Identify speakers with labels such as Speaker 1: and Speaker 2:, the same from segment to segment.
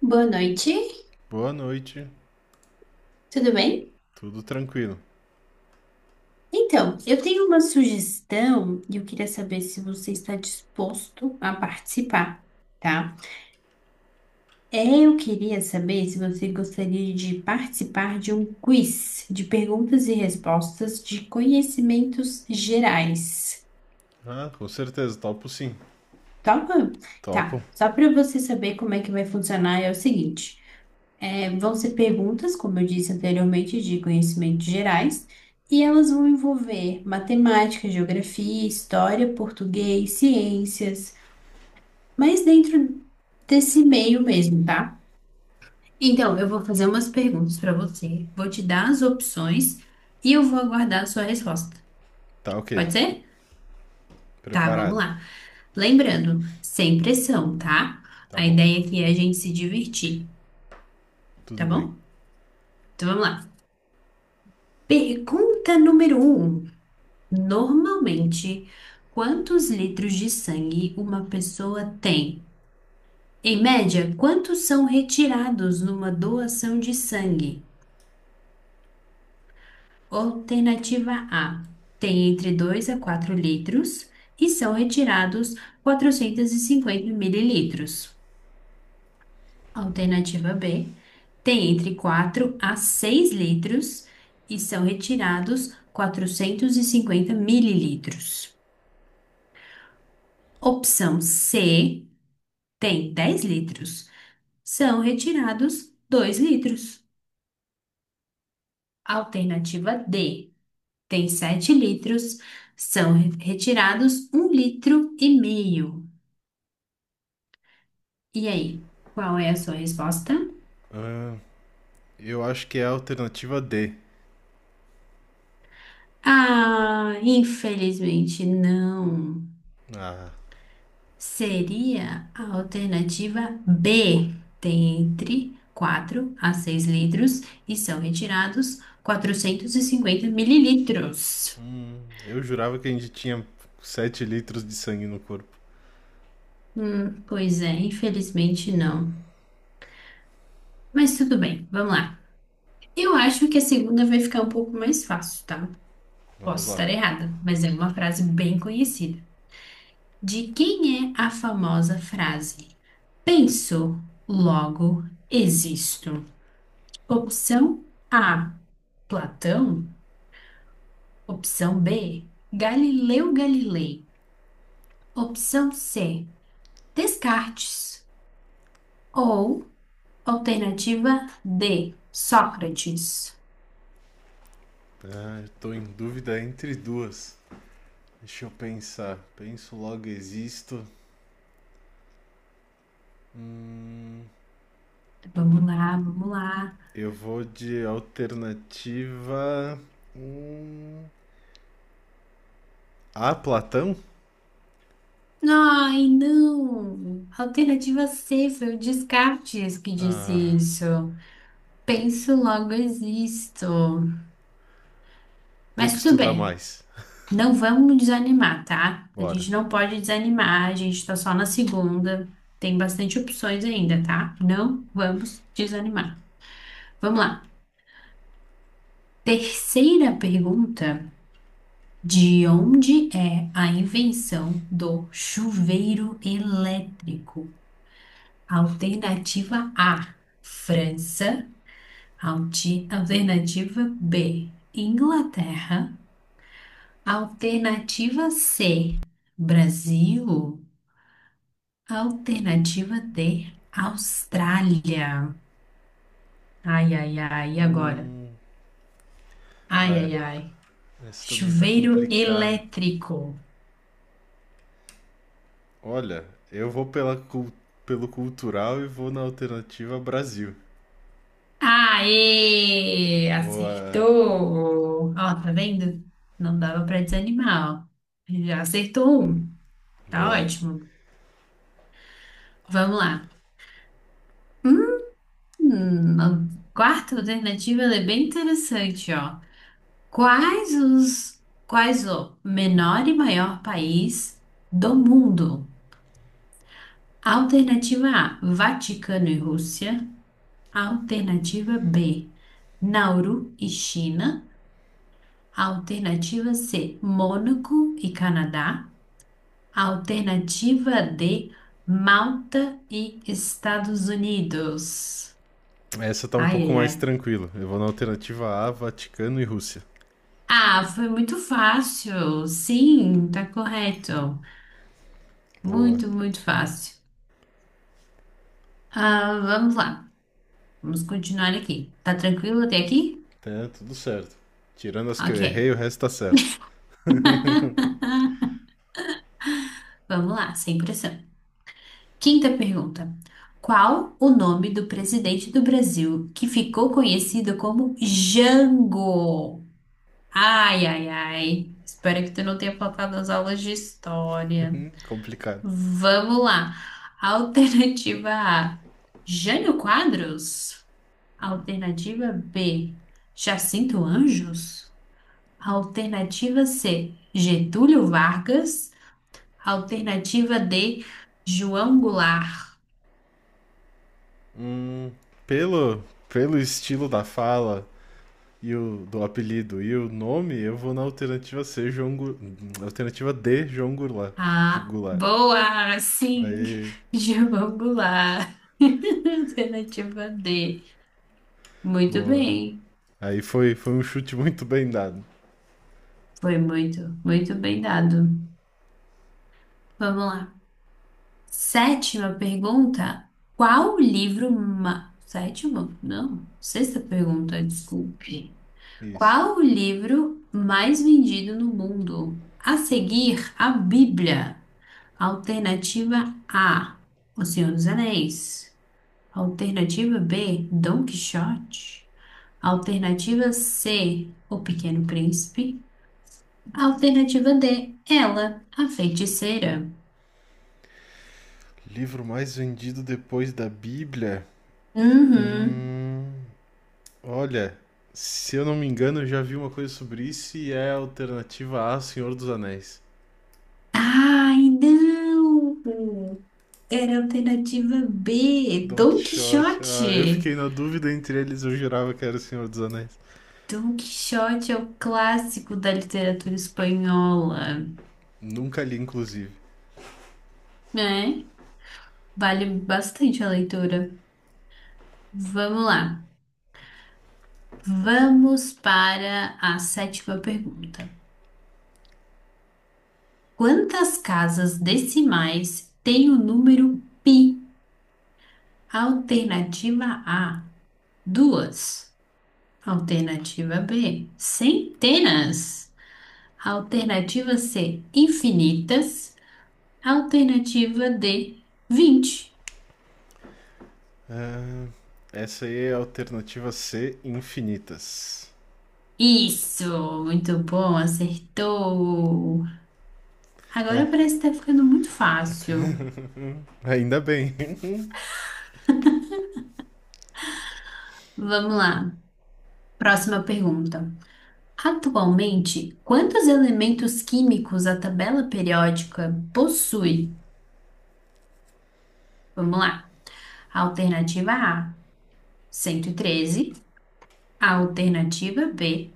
Speaker 1: Boa noite,
Speaker 2: Boa noite.
Speaker 1: tudo bem?
Speaker 2: Tudo tranquilo.
Speaker 1: Então, eu tenho uma sugestão e eu queria saber se você está disposto a participar, tá? Eu queria saber se você gostaria de participar de um quiz de perguntas e respostas de conhecimentos gerais.
Speaker 2: Ah, com certeza, topo sim.
Speaker 1: Topa?
Speaker 2: Topo.
Speaker 1: Tá, só para você saber como é que vai funcionar é o seguinte. Vão ser perguntas, como eu disse anteriormente, de conhecimentos gerais, e elas vão envolver matemática, geografia, história, português, ciências, mas dentro desse meio mesmo, tá? Então, eu vou fazer umas perguntas para você, vou te dar as opções e eu vou aguardar a sua resposta.
Speaker 2: Tá ok.
Speaker 1: Pode ser? Tá, vamos
Speaker 2: Preparado.
Speaker 1: lá. Lembrando, sem pressão, tá?
Speaker 2: Tá
Speaker 1: A
Speaker 2: bom.
Speaker 1: ideia aqui é a gente se divertir, tá
Speaker 2: Tudo bem.
Speaker 1: bom? Então vamos lá. Pergunta número um. Normalmente, quantos litros de sangue uma pessoa tem? Em média, quantos são retirados numa doação de sangue? Alternativa A: tem entre 2 a 4 litros e são retirados 450 mililitros. Alternativa B: tem entre 4 a 6 litros e são retirados 450 mililitros. Opção C, tem 10 litros, são retirados 2 litros. Alternativa D, tem 7 litros, são retirados 1 litro e meio. E aí, qual é a sua resposta?
Speaker 2: Ah, eu acho que é a alternativa D.
Speaker 1: Ah, infelizmente não.
Speaker 2: Ah,
Speaker 1: Seria a alternativa B, tem entre 4 a 6 litros e são retirados 450 mililitros.
Speaker 2: eu jurava que a gente tinha 7 litros de sangue no corpo.
Speaker 1: Pois é, infelizmente não. Mas tudo bem, vamos lá. Eu acho que a segunda vai ficar um pouco mais fácil, tá?
Speaker 2: Vamos
Speaker 1: Posso
Speaker 2: lá.
Speaker 1: estar errada, mas é uma frase bem conhecida. De quem é a famosa frase? Penso, logo existo. Opção A, Platão. Opção B, Galileu Galilei. Opção C, Descartes. Ou alternativa D, Sócrates.
Speaker 2: Ah, eu tô em dúvida entre duas. Deixa eu pensar. Penso logo existo. Hum,
Speaker 1: Vamos lá, vamos lá.
Speaker 2: eu vou de alternativa. hum, A, Platão?
Speaker 1: Ai, não! Alternativa C, foi o Descartes que disse
Speaker 2: Ah,
Speaker 1: isso. Penso, logo existo.
Speaker 2: tem que
Speaker 1: Mas tudo
Speaker 2: estudar
Speaker 1: bem,
Speaker 2: mais.
Speaker 1: não vamos desanimar, tá? A
Speaker 2: Bora.
Speaker 1: gente não pode desanimar, a gente tá só na segunda, tem bastante opções ainda, tá? Não vamos desanimar. Vamos lá. Terceira pergunta: de onde é a invenção do chuveiro elétrico? Alternativa A, França. Alternativa B, Inglaterra. Alternativa C, Brasil. Alternativa D, Austrália. Ai, ai, ai, e agora?
Speaker 2: Hum.
Speaker 1: Ai,
Speaker 2: Ah, é,
Speaker 1: ai, ai.
Speaker 2: esse também tá
Speaker 1: Chuveiro
Speaker 2: complicado.
Speaker 1: elétrico.
Speaker 2: Olha, eu vou pelo cultural e vou na alternativa Brasil.
Speaker 1: Aê!
Speaker 2: Boa.
Speaker 1: Acertou! Ó, tá vendo? Não dava pra desanimar, ó. Já acertou um. Tá
Speaker 2: Boa.
Speaker 1: ótimo. Vamos lá. A quarta alternativa ela é bem interessante, ó. Quais o menor e maior país do mundo? Alternativa A, Vaticano e Rússia. Alternativa B, Nauru e China. Alternativa C, Mônaco e Canadá. Alternativa D, Malta e Estados Unidos.
Speaker 2: Essa tá um
Speaker 1: Ai,
Speaker 2: pouco
Speaker 1: ai,
Speaker 2: mais
Speaker 1: ai.
Speaker 2: tranquila. Eu vou na alternativa A, Vaticano e Rússia.
Speaker 1: Ah, foi muito fácil. Sim, tá correto.
Speaker 2: Boa.
Speaker 1: Muito, muito fácil. Ah, vamos lá. Vamos continuar aqui. Tá tranquilo até aqui?
Speaker 2: Tá tudo certo. Tirando as que
Speaker 1: Ok.
Speaker 2: eu errei, o resto tá certo.
Speaker 1: Vamos lá, sem pressão. Quinta pergunta. Qual o nome do presidente do Brasil que ficou conhecido como Jango? Ai, ai, ai. Espero que tu não tenha faltado as aulas de história.
Speaker 2: Complicado.
Speaker 1: Vamos lá. Alternativa A, Jânio Quadros? Alternativa B, Jacinto Anjos. Alternativa C, Getúlio Vargas. Alternativa D, João Goulart.
Speaker 2: Hum, pelo, pelo estilo da fala, e o do apelido e o nome, eu vou na alternativa C, alternativa D, João Goulart.
Speaker 1: Ah,
Speaker 2: Goulart.
Speaker 1: boa! Sim,
Speaker 2: Aí,
Speaker 1: João Goulart. Alternativa D. Muito
Speaker 2: boa.
Speaker 1: bem.
Speaker 2: Aí foi um chute muito bem dado.
Speaker 1: Foi muito, muito bem dado. Vamos lá. Sétima pergunta. Qual o livro ma... Sétima? Não. Sexta pergunta, desculpe.
Speaker 2: Isso.
Speaker 1: Qual o livro mais vendido no mundo a seguir a Bíblia? Alternativa A, O Senhor dos Anéis. Alternativa B, Dom Quixote. Alternativa C, O Pequeno Príncipe. Alternativa D, Ela, a Feiticeira.
Speaker 2: Livro mais vendido depois da Bíblia?
Speaker 1: Uhum.
Speaker 2: Hum, Olha, se eu não me engano, eu já vi uma coisa sobre isso e é a alternativa A, Senhor dos Anéis.
Speaker 1: Ai, não! Era a alternativa B,
Speaker 2: Don
Speaker 1: Dom
Speaker 2: Quixote. Ah, eu fiquei
Speaker 1: Quixote.
Speaker 2: na dúvida entre eles, eu jurava que era o Senhor dos Anéis.
Speaker 1: Don Quixote é o clássico da literatura espanhola,
Speaker 2: Nunca li, inclusive.
Speaker 1: né? Vale bastante a leitura. Vamos lá. Vamos para a sétima pergunta. Quantas casas decimais tem o número pi? Alternativa A, duas. Alternativa B, centenas. Alternativa C, infinitas. Alternativa D, 20.
Speaker 2: Ah, essa aí é a alternativa C, infinitas.
Speaker 1: Isso, muito bom, acertou.
Speaker 2: É,
Speaker 1: Agora parece que tá ficando muito fácil.
Speaker 2: ainda bem.
Speaker 1: Vamos lá. Próxima pergunta. Atualmente, quantos elementos químicos a tabela periódica possui? Vamos lá. Alternativa A, 113. Alternativa B,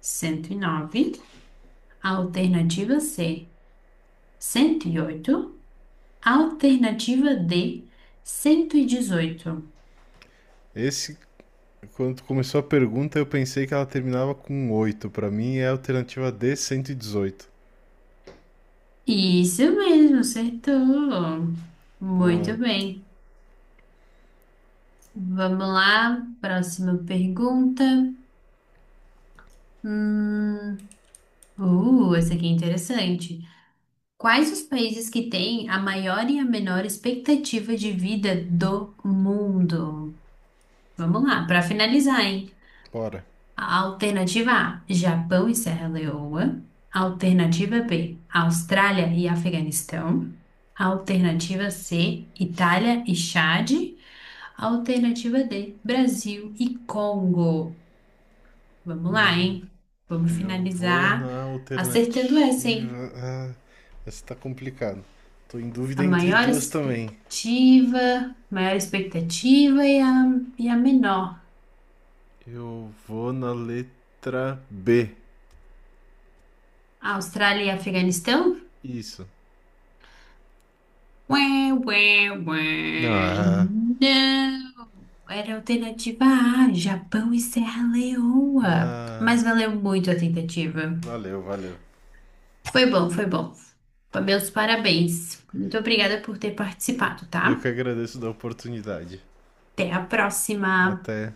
Speaker 1: 109. Alternativa C, 108. Alternativa D, 118.
Speaker 2: Esse, quando começou a pergunta, eu pensei que ela terminava com oito. Pra mim é a alternativa D, 118.
Speaker 1: Isso mesmo, acertou.
Speaker 2: Boa,
Speaker 1: Muito bem. Vamos lá, próxima pergunta. Hum, Essa aqui é interessante. Quais os países que têm a maior e a menor expectativa de vida do mundo? Vamos lá, para finalizar, hein?
Speaker 2: bora.
Speaker 1: A Alternativa A: Japão e Serra Leoa. Alternativa B: Austrália e Afeganistão. Alternativa C: Itália e Chad. Alternativa D, Brasil e Congo. Vamos lá, hein? Vamos
Speaker 2: Eu vou
Speaker 1: finalizar
Speaker 2: na
Speaker 1: acertando essa, hein?
Speaker 2: alternativa. Ah, essa tá complicada. Tô em dúvida
Speaker 1: A
Speaker 2: entre duas também.
Speaker 1: maior expectativa e a menor.
Speaker 2: Eu vou na letra B.
Speaker 1: Austrália e Afeganistão?
Speaker 2: Isso.
Speaker 1: Ué, ué, ué.
Speaker 2: Ah,
Speaker 1: Não, era a alternativa A, Japão e Serra Leoa.
Speaker 2: ah,
Speaker 1: Mas valeu muito a tentativa.
Speaker 2: valeu, valeu.
Speaker 1: Foi bom, foi bom. Meus parabéns. Muito obrigada por ter participado, tá?
Speaker 2: Eu que agradeço da oportunidade.
Speaker 1: Até a próxima.
Speaker 2: Até